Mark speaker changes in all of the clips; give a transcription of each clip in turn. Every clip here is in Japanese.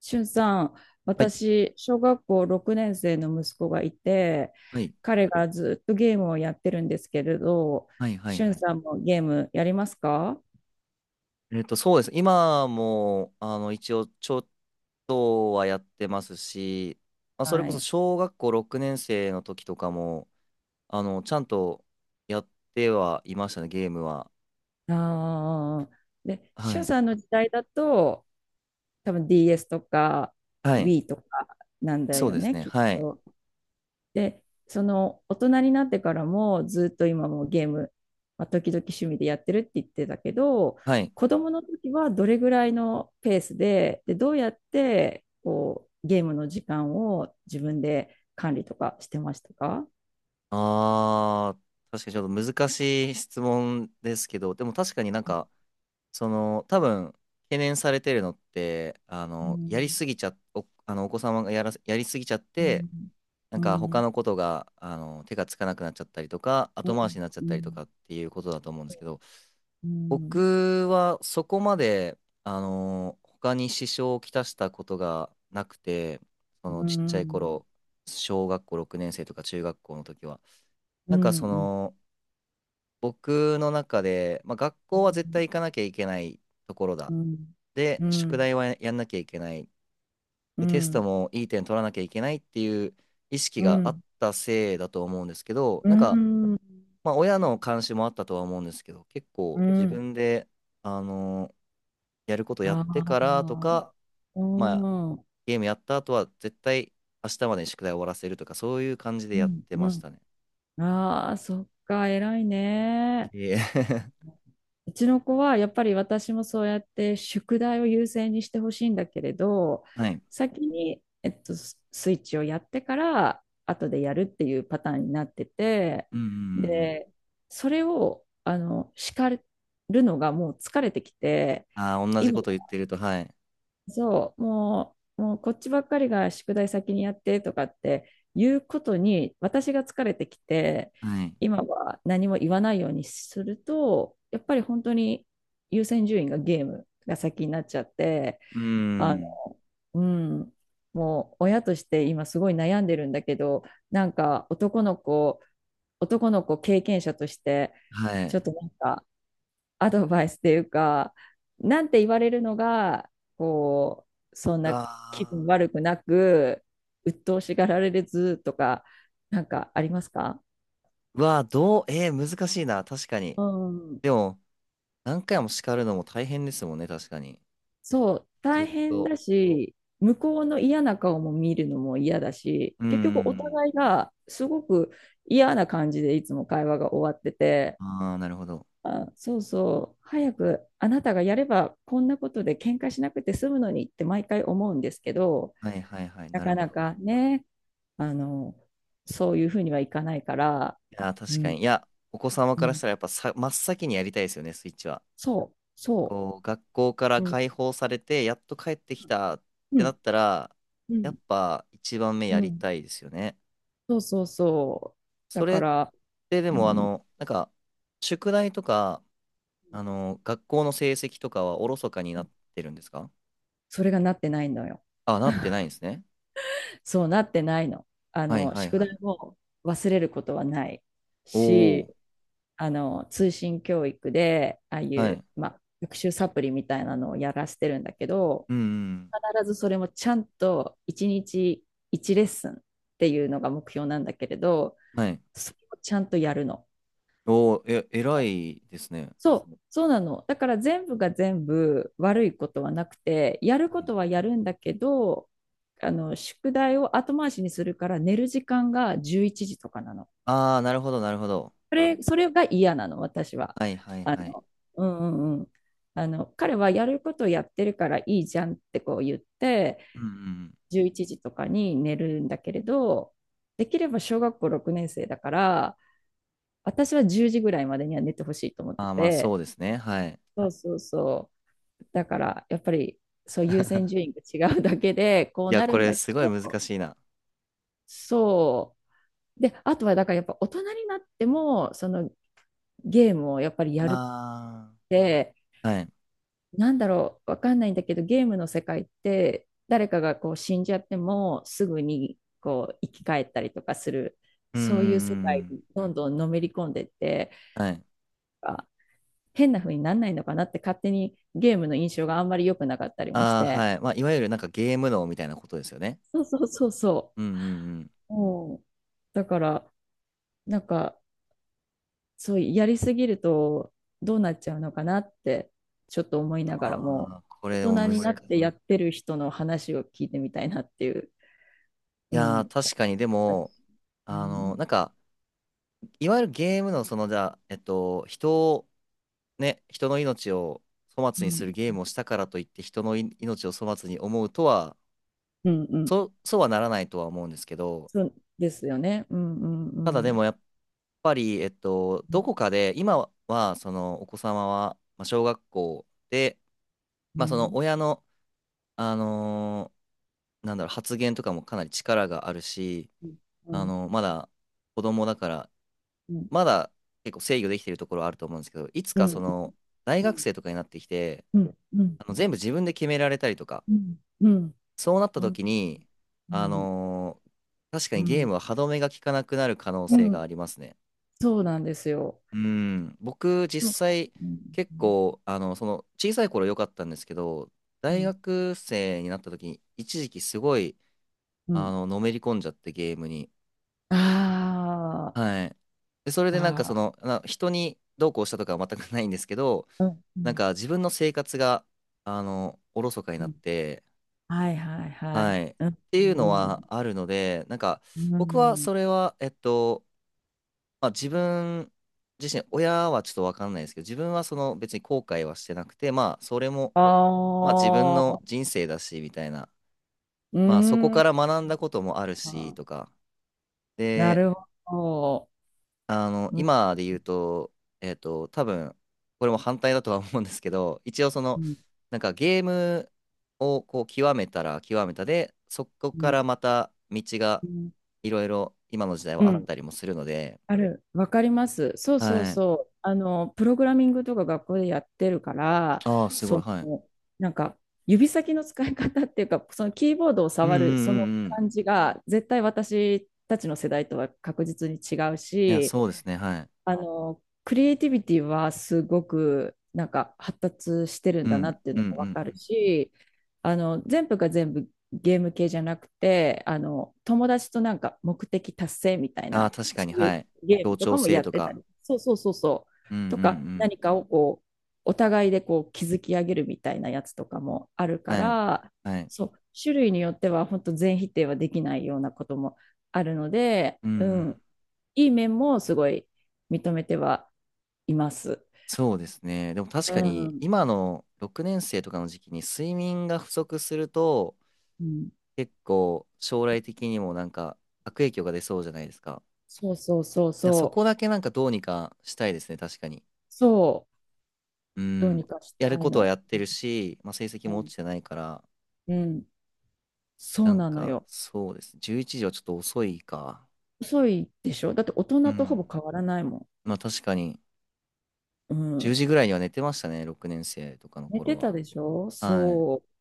Speaker 1: しゅんさん、
Speaker 2: はい、
Speaker 1: 私、小学校6年生の息子がいて、
Speaker 2: はい、
Speaker 1: 彼がずっとゲームをやってるんですけれど、
Speaker 2: はい、はい。
Speaker 1: しゅ
Speaker 2: は
Speaker 1: ん
Speaker 2: い。
Speaker 1: さんもゲームやりますか？
Speaker 2: そうです。今も、一応、ちょっとはやってますし、まあ、それ
Speaker 1: は
Speaker 2: こそ
Speaker 1: い。
Speaker 2: 小学校6年生の時とかも、ちゃんとやってはいましたね、ゲームは。
Speaker 1: ああ。で、し
Speaker 2: は
Speaker 1: ゅん
Speaker 2: い。
Speaker 1: さんの時代だと、多分 DS とか
Speaker 2: はい。
Speaker 1: Wii とかなんだ
Speaker 2: そう
Speaker 1: よ
Speaker 2: です
Speaker 1: ね、
Speaker 2: ね。
Speaker 1: きっ
Speaker 2: はい。
Speaker 1: と。で、その大人になってからもずっと今もゲーム、ま時々趣味でやってるって言ってたけど、
Speaker 2: はい。
Speaker 1: 子供の時はどれぐらいのペースで、どうやってこうゲームの時間を自分で管理とかしてましたか？
Speaker 2: あー、確かにちょっと難しい質問ですけど、でも確かになんか、その、多分、懸念されてるのって、あ
Speaker 1: う
Speaker 2: の、やり
Speaker 1: ん、
Speaker 2: すぎちゃ、お、あの、お子様がやらせ、やりすぎちゃっ
Speaker 1: う
Speaker 2: て、
Speaker 1: ん、
Speaker 2: な
Speaker 1: う
Speaker 2: んか他
Speaker 1: ん、
Speaker 2: のことが、手がつかなくなっちゃったりとか、
Speaker 1: う
Speaker 2: 後回し
Speaker 1: ん、
Speaker 2: になっちゃっ
Speaker 1: う
Speaker 2: たりとか
Speaker 1: ん、
Speaker 2: っていうことだと思うんですけど、
Speaker 1: うん、
Speaker 2: 僕はそこまで、他に支障をきたしたことがなくて、そ
Speaker 1: う
Speaker 2: のちっちゃ
Speaker 1: ん、
Speaker 2: い頃、小学校6年生とか中学校の時は、
Speaker 1: う
Speaker 2: なんか
Speaker 1: ん、
Speaker 2: そ
Speaker 1: うん、
Speaker 2: の、僕の中で、まあ、学校は絶対行かなきゃいけないところだ。
Speaker 1: うん、
Speaker 2: で、
Speaker 1: うん、う
Speaker 2: 宿
Speaker 1: ん、
Speaker 2: 題はやんなきゃいけない。
Speaker 1: う
Speaker 2: で、
Speaker 1: ん、う
Speaker 2: テスト
Speaker 1: ん、
Speaker 2: もいい点取らなきゃいけないっていう意識があったせいだと思うんですけど、
Speaker 1: う
Speaker 2: なんか、
Speaker 1: ん、
Speaker 2: まあ、親の監視もあったとは思うんですけど、結構自分で、あのやることやっ
Speaker 1: あ
Speaker 2: てから
Speaker 1: あ、
Speaker 2: とか、
Speaker 1: う
Speaker 2: まあ、
Speaker 1: ん、う
Speaker 2: ゲームやった後は絶対明日までに宿題終わらせるとか、そういう感じでやっ
Speaker 1: ん、
Speaker 2: て
Speaker 1: う
Speaker 2: まし
Speaker 1: ん。
Speaker 2: たね。
Speaker 1: ああ、そっか、偉いね。
Speaker 2: いえ。
Speaker 1: うちの子はやっぱり私もそうやって宿題を優先にしてほしいんだけれど、
Speaker 2: はい。
Speaker 1: 先に、スイッチをやってから後でやるっていうパターンになってて、
Speaker 2: うんうんうんうん。
Speaker 1: で、それを叱るのがもう疲れてきて、
Speaker 2: ああ、同じ
Speaker 1: 今
Speaker 2: こと言ってると、はい。
Speaker 1: そう、もうこっちばっかりが宿題先にやってとかっていうことに私が疲れてきて、
Speaker 2: はい。
Speaker 1: 今は何も言わないようにすると、やっぱり本当に優先順位がゲームが先になっちゃって、
Speaker 2: う
Speaker 1: あの、
Speaker 2: ん。
Speaker 1: うん、もう親として今すごい悩んでるんだけど、なんか男の子経験者として、
Speaker 2: は
Speaker 1: ちょ
Speaker 2: い。
Speaker 1: っとなんかアドバイスっていうか、なんて言われるのが、こそん
Speaker 2: う
Speaker 1: な気
Speaker 2: わ
Speaker 1: 分悪くなく、鬱陶しがられずとか、なんかありますか？
Speaker 2: ーうわー、どう、えー難しいな、確かに。
Speaker 1: うん。
Speaker 2: でも、何回も叱るのも大変ですもんね、確かに。
Speaker 1: そう、
Speaker 2: ずっ
Speaker 1: 大変
Speaker 2: と。
Speaker 1: だし、向こうの嫌な顔も見るのも嫌だし、
Speaker 2: う
Speaker 1: 結局お
Speaker 2: ん。
Speaker 1: 互いがすごく嫌な感じでいつも会話が終わってて、
Speaker 2: ああ、なるほど。
Speaker 1: あ、そうそう、早くあなたがやればこんなことで喧嘩しなくて済むのにって毎回思うんですけど、
Speaker 2: はいはいはい、
Speaker 1: な
Speaker 2: なる
Speaker 1: か
Speaker 2: ほ
Speaker 1: な
Speaker 2: ど。
Speaker 1: かね、あの、そういうふうにはいかないから、
Speaker 2: いやー、
Speaker 1: う
Speaker 2: 確か
Speaker 1: ん、
Speaker 2: に。いや、お子様
Speaker 1: う
Speaker 2: からし
Speaker 1: ん、
Speaker 2: たらやっぱさ、真っ先にやりたいですよね、スイッチは。
Speaker 1: そう、そ
Speaker 2: こう、学校から
Speaker 1: う、うん、
Speaker 2: 解放されて、やっと帰ってきたっ
Speaker 1: う
Speaker 2: てな
Speaker 1: ん、
Speaker 2: ったら、
Speaker 1: う
Speaker 2: や
Speaker 1: ん、
Speaker 2: っぱ一番目
Speaker 1: う
Speaker 2: やり
Speaker 1: ん、
Speaker 2: たいですよね。
Speaker 1: そうそうそう。だ
Speaker 2: それ
Speaker 1: か
Speaker 2: っ
Speaker 1: ら、
Speaker 2: てで
Speaker 1: う
Speaker 2: も、
Speaker 1: ん、
Speaker 2: 宿題とか、学校の成績とかはおろそかになってるんですか？
Speaker 1: それがなってないのよ。
Speaker 2: あ、なってない んですね。
Speaker 1: そうなってないの。
Speaker 2: はいはい
Speaker 1: 宿
Speaker 2: は
Speaker 1: 題
Speaker 2: い。
Speaker 1: を忘れることはない
Speaker 2: おお。
Speaker 1: し、通信教育で、ああい
Speaker 2: は
Speaker 1: う、
Speaker 2: い。
Speaker 1: まあ、学習サプリみたいなのをやらせてるんだけど、
Speaker 2: うんうん。
Speaker 1: 必ずそれもちゃんと1日1レッスンっていうのが目標なんだけれど、
Speaker 2: はい。
Speaker 1: それをちゃんとやるの。
Speaker 2: おお、え、偉いですね。
Speaker 1: そう、そうなの。だから全部が全部悪いことはなくて、やることはやるんだけど、宿題を後回しにするから寝る時間が11時とかなの。
Speaker 2: ああー、なるほど、なるほど。
Speaker 1: それが嫌なの、私は。
Speaker 2: はいはい
Speaker 1: あ
Speaker 2: はい。
Speaker 1: の、うん、うん、うん。彼はやることをやってるからいいじゃんってこう言って、
Speaker 2: うんうん。
Speaker 1: 11時とかに寝るんだけれど、できれば小学校6年生だから、私は10時ぐらいまでには寝てほしいと思って
Speaker 2: ああ、まあ
Speaker 1: て、
Speaker 2: そうですね。はい。
Speaker 1: そうそうそう。だから、やっぱり、そう優先順位 が違うだけで、こ
Speaker 2: い
Speaker 1: う
Speaker 2: や、
Speaker 1: な
Speaker 2: こ
Speaker 1: るん
Speaker 2: れ
Speaker 1: だけ
Speaker 2: すごい難
Speaker 1: ど、
Speaker 2: しいな。
Speaker 1: そう。で、あとは、だからやっぱ大人になっても、そのゲームをやっぱりやるっ
Speaker 2: あ
Speaker 1: て、
Speaker 2: あ。はい。
Speaker 1: なんだろう、わかんないんだけど、ゲームの世界って、誰かがこう死んじゃっても、すぐにこう生き返ったりとかする、
Speaker 2: うんうん
Speaker 1: そういう世
Speaker 2: う
Speaker 1: 界に
Speaker 2: ん
Speaker 1: どんどんのめり込んでって、
Speaker 2: うん。はい。
Speaker 1: あ、変な風になんないのかなって、勝手にゲームの印象があんまり良くなかったりもし
Speaker 2: ああ、
Speaker 1: て。
Speaker 2: はい。まあ、いわゆるなんかゲーム脳みたいなことですよね。
Speaker 1: そうそうそうそ
Speaker 2: うんうんうん。
Speaker 1: う。うん、だから、なんか、そうやりすぎるとどうなっちゃうのかなって、ちょっと思いなが
Speaker 2: あ
Speaker 1: らも、
Speaker 2: あ、これで
Speaker 1: 大
Speaker 2: も
Speaker 1: 人
Speaker 2: 難
Speaker 1: に
Speaker 2: しい。
Speaker 1: なってやってる人の話を聞いてみたいなっていう。
Speaker 2: い
Speaker 1: う
Speaker 2: やー、
Speaker 1: ん
Speaker 2: 確かにでも、
Speaker 1: う
Speaker 2: あの、
Speaker 1: ん、
Speaker 2: なんか、いわゆるゲームのその、じゃあ、人の命を粗
Speaker 1: う
Speaker 2: 末に
Speaker 1: ん、
Speaker 2: するゲームをしたからといって人のい命を粗末に思うとは、
Speaker 1: うん、うん、
Speaker 2: そうはならないとは思うんですけど、
Speaker 1: そうですよね。うん、うん、
Speaker 2: ただ
Speaker 1: う
Speaker 2: で
Speaker 1: ん、
Speaker 2: もやっぱり、どこかで今はそのお子様は、まあ、小学校で、
Speaker 1: う
Speaker 2: まあ、その
Speaker 1: ん、
Speaker 2: 親の、あのーなんだろう、発言とかもかなり力があるし、
Speaker 1: うん、
Speaker 2: まだ子供だから、
Speaker 1: うん、
Speaker 2: まだ結構制御できてるところはあると思うんですけど、いつ
Speaker 1: う
Speaker 2: かそ
Speaker 1: ん、うん、
Speaker 2: の大学生とかになってきて、
Speaker 1: うん、うん、
Speaker 2: 全部自分で決められたりとか、
Speaker 1: うん、うん、
Speaker 2: そうなった
Speaker 1: ほん
Speaker 2: 時に、
Speaker 1: う
Speaker 2: あ
Speaker 1: ん、
Speaker 2: のー確か
Speaker 1: う
Speaker 2: にゲーム
Speaker 1: ん、
Speaker 2: は歯止めが効かなくなる可能
Speaker 1: う
Speaker 2: 性が
Speaker 1: ん
Speaker 2: ありますね。
Speaker 1: そうなんですよ。
Speaker 2: うん、僕
Speaker 1: で
Speaker 2: 実
Speaker 1: も
Speaker 2: 際
Speaker 1: うん、
Speaker 2: 結構、その小さい頃良かったんですけど、
Speaker 1: う
Speaker 2: 大
Speaker 1: ん、
Speaker 2: 学生になった時に一時期すごい、
Speaker 1: うん、うん、
Speaker 2: のめり込んじゃってゲームに。
Speaker 1: あ
Speaker 2: はい。で、それ
Speaker 1: ー、
Speaker 2: でなんかそ
Speaker 1: あ
Speaker 2: の、人にどうこうしたとかは全くないんですけど、
Speaker 1: ー、うん、う
Speaker 2: なん
Speaker 1: ん、
Speaker 2: か自分の生活が、おろそかに
Speaker 1: う
Speaker 2: なっ
Speaker 1: ん、
Speaker 2: て、
Speaker 1: はいはいは
Speaker 2: は
Speaker 1: い、
Speaker 2: い。っ
Speaker 1: うん、
Speaker 2: ていう
Speaker 1: う
Speaker 2: の
Speaker 1: ん、
Speaker 2: は
Speaker 1: う
Speaker 2: あるので、なんか、
Speaker 1: ん、う
Speaker 2: 僕は
Speaker 1: ん、
Speaker 2: それは、まあ、自分自身、親はちょっとわかんないですけど、自分はその別に後悔はしてなくて、まあ、それも、まあ、自分
Speaker 1: あ
Speaker 2: の
Speaker 1: あ、
Speaker 2: 人生だし、みたいな、
Speaker 1: う
Speaker 2: まあ、そこか
Speaker 1: ん、
Speaker 2: ら学んだこともあるし、とか、
Speaker 1: な
Speaker 2: で、
Speaker 1: るほど。うん、
Speaker 2: 今で言うと、多分、これも反対だとは思うんですけど、一応そ
Speaker 1: う
Speaker 2: の、
Speaker 1: ん、
Speaker 2: なんかゲームをこう極めたら極めたで、そこ
Speaker 1: う
Speaker 2: か
Speaker 1: ん、
Speaker 2: らまた道が
Speaker 1: うん、
Speaker 2: いろいろ今の時代
Speaker 1: う
Speaker 2: はあっ
Speaker 1: ん、
Speaker 2: たりもするので、
Speaker 1: ある。わかります。そうそう
Speaker 2: はい。
Speaker 1: そう。プログラミングとか学校でやってるから、
Speaker 2: ああ、すごい、
Speaker 1: そ
Speaker 2: はい。
Speaker 1: の、なんか、指先の使い方っていうか、そのキーボードを
Speaker 2: うんうん
Speaker 1: 触
Speaker 2: う
Speaker 1: る、その
Speaker 2: んうん。
Speaker 1: 感じが、絶対私たちの世代とは確実に違う
Speaker 2: いや、
Speaker 1: し、
Speaker 2: そうですね、はい。
Speaker 1: クリエイティビティはすごくなんか発達してるん
Speaker 2: う
Speaker 1: だな
Speaker 2: ん
Speaker 1: っていう
Speaker 2: う
Speaker 1: の
Speaker 2: んう
Speaker 1: がわかる
Speaker 2: ん。
Speaker 1: し、全部が全部ゲーム系じゃなくて、友達となんか目的達成みたい
Speaker 2: ああ、
Speaker 1: な、
Speaker 2: 確か
Speaker 1: そ
Speaker 2: に、
Speaker 1: うい
Speaker 2: は
Speaker 1: う
Speaker 2: い。
Speaker 1: ゲー
Speaker 2: 協
Speaker 1: ムと
Speaker 2: 調
Speaker 1: かも
Speaker 2: 性
Speaker 1: やっ
Speaker 2: と
Speaker 1: てた
Speaker 2: か。
Speaker 1: り、そうそうそうそ
Speaker 2: うんうん
Speaker 1: う、
Speaker 2: う
Speaker 1: とか
Speaker 2: ん。
Speaker 1: 何かをこう、お互いでこう築き上げるみたいなやつとかもあるか
Speaker 2: はい。
Speaker 1: ら、
Speaker 2: はい。
Speaker 1: そう、種類によっては本当全否定はできないようなこともあるので、
Speaker 2: うんう
Speaker 1: う
Speaker 2: ん。
Speaker 1: ん、いい面もすごい認めてはいます。
Speaker 2: そうですね。でも確
Speaker 1: う
Speaker 2: かに
Speaker 1: ん。
Speaker 2: 今の6年生とかの時期に睡眠が不足すると
Speaker 1: うん、
Speaker 2: 結構将来的にもなんか悪影響が出そうじゃないですか。
Speaker 1: そうそうそう
Speaker 2: いや、そ
Speaker 1: そ
Speaker 2: こ
Speaker 1: う。
Speaker 2: だけなんかどうにかしたいですね、確かに。
Speaker 1: そう。
Speaker 2: う
Speaker 1: どう
Speaker 2: ん。
Speaker 1: にかし
Speaker 2: やる
Speaker 1: たい
Speaker 2: ことはや
Speaker 1: の。
Speaker 2: ってるし、まあ、成績
Speaker 1: う
Speaker 2: も落
Speaker 1: ん。
Speaker 2: ちてないから、
Speaker 1: うん。そ
Speaker 2: な
Speaker 1: う
Speaker 2: ん
Speaker 1: なの
Speaker 2: か
Speaker 1: よ。
Speaker 2: そうです。11時はちょっと遅いか。
Speaker 1: 遅いでしょだって大
Speaker 2: う
Speaker 1: 人とほぼ
Speaker 2: ん。
Speaker 1: 変わらないも
Speaker 2: まあ確かに
Speaker 1: ん。う
Speaker 2: 10
Speaker 1: ん。
Speaker 2: 時ぐらいには寝てましたね、6年生とかの
Speaker 1: 寝
Speaker 2: 頃
Speaker 1: て
Speaker 2: は。
Speaker 1: たでしょ
Speaker 2: はい。
Speaker 1: そう。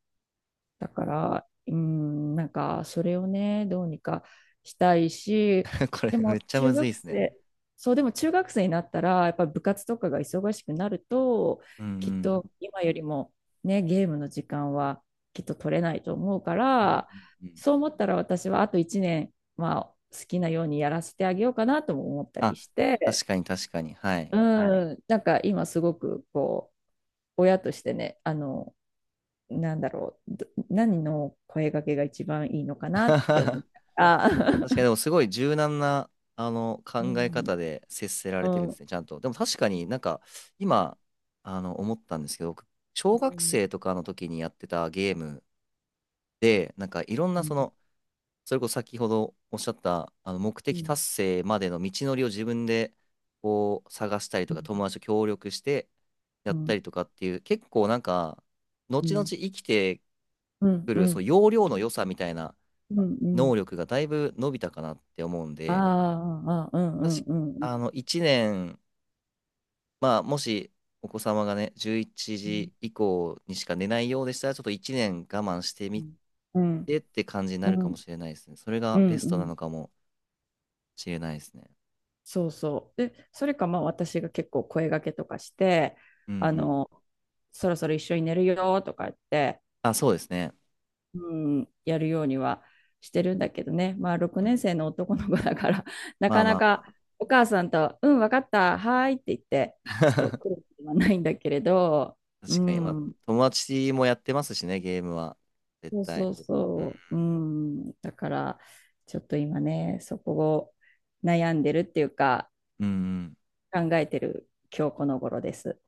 Speaker 1: だから、うん、なんか、それをね、どうにかしたいし、
Speaker 2: これ
Speaker 1: で
Speaker 2: めっ
Speaker 1: も、
Speaker 2: ちゃむ
Speaker 1: 中
Speaker 2: ずいで
Speaker 1: 学
Speaker 2: すね。
Speaker 1: 生、そう、でも中学生になったら、やっぱ部活とかが忙しくなると、
Speaker 2: うんう
Speaker 1: きっ
Speaker 2: ん。
Speaker 1: と今よりも、ね、ゲームの時間はきっと取れないと思うか
Speaker 2: うん
Speaker 1: ら、
Speaker 2: うんうん。
Speaker 1: そう思ったら私はあと1年、まあ、好きなようにやらせてあげようかなとも思ったり
Speaker 2: あ、
Speaker 1: して、
Speaker 2: 確かに確かに。はい。
Speaker 1: うん、なんか今すごく親としてね、なんだろう、何の声掛けが一番いいのかなって思っ
Speaker 2: 確
Speaker 1: たあ
Speaker 2: かに、
Speaker 1: ー
Speaker 2: でもすごい柔軟な、
Speaker 1: う
Speaker 2: 考え
Speaker 1: ん、
Speaker 2: 方で接せら
Speaker 1: う
Speaker 2: れてるんで
Speaker 1: ん、
Speaker 2: すね、ちゃんと。でも確かになんか、今、思ったんですけど、僕
Speaker 1: う
Speaker 2: 小学
Speaker 1: ん、
Speaker 2: 生とかの時にやってたゲームで、なんかいろん
Speaker 1: う
Speaker 2: なそ
Speaker 1: ん、
Speaker 2: の、それこそ先ほどおっしゃった、目的達成までの道のりを自分で、こう、探したりとか、友達と協力してや
Speaker 1: う
Speaker 2: った
Speaker 1: ん、
Speaker 2: りとかっていう、結構なんか、
Speaker 1: う
Speaker 2: 後々
Speaker 1: ん、
Speaker 2: 生きて
Speaker 1: うん、
Speaker 2: く
Speaker 1: うん、
Speaker 2: る、
Speaker 1: う
Speaker 2: その
Speaker 1: ん、
Speaker 2: 要領の良さみたいな、
Speaker 1: うん、うん、
Speaker 2: 能力がだいぶ伸びたかなって思うん
Speaker 1: あ
Speaker 2: で、
Speaker 1: あ、ああ、うん、う
Speaker 2: 確か、
Speaker 1: ん、うん、
Speaker 2: 1年、まあ、もしお子様がね、11
Speaker 1: うん、
Speaker 2: 時以降にしか寝ないようでしたら、ちょっと1年我慢してみ
Speaker 1: うん、
Speaker 2: てって感じに
Speaker 1: う
Speaker 2: なるかも
Speaker 1: ん、
Speaker 2: しれないですね。それ
Speaker 1: う
Speaker 2: が
Speaker 1: ん、う
Speaker 2: ベストな
Speaker 1: ん、
Speaker 2: のかもしれないですね。
Speaker 1: そうそうでそれかまあ私が結構声掛けとかして
Speaker 2: うんう
Speaker 1: あ
Speaker 2: ん。
Speaker 1: のそろそろ一緒に寝るよとか言って
Speaker 2: あ、そうですね。
Speaker 1: うん、やるようにはしてるんだけどね、まあ、6
Speaker 2: う
Speaker 1: 年
Speaker 2: ん。
Speaker 1: 生の男の子だから、な
Speaker 2: ま
Speaker 1: か
Speaker 2: あま
Speaker 1: な
Speaker 2: あま
Speaker 1: か
Speaker 2: あ。
Speaker 1: お母さんと、うん、分かった、はいって言って、ちょっと来る ことはないんだけれど、う
Speaker 2: 確かに、まあ、
Speaker 1: ん、
Speaker 2: 友達もやってますしね、ゲームは。絶
Speaker 1: そう
Speaker 2: 対。
Speaker 1: そう
Speaker 2: うん
Speaker 1: そう、うん、だから、ちょっと今ね、そこを悩んでるっていうか、
Speaker 2: うん。うんうん
Speaker 1: 考えてる今日この頃です。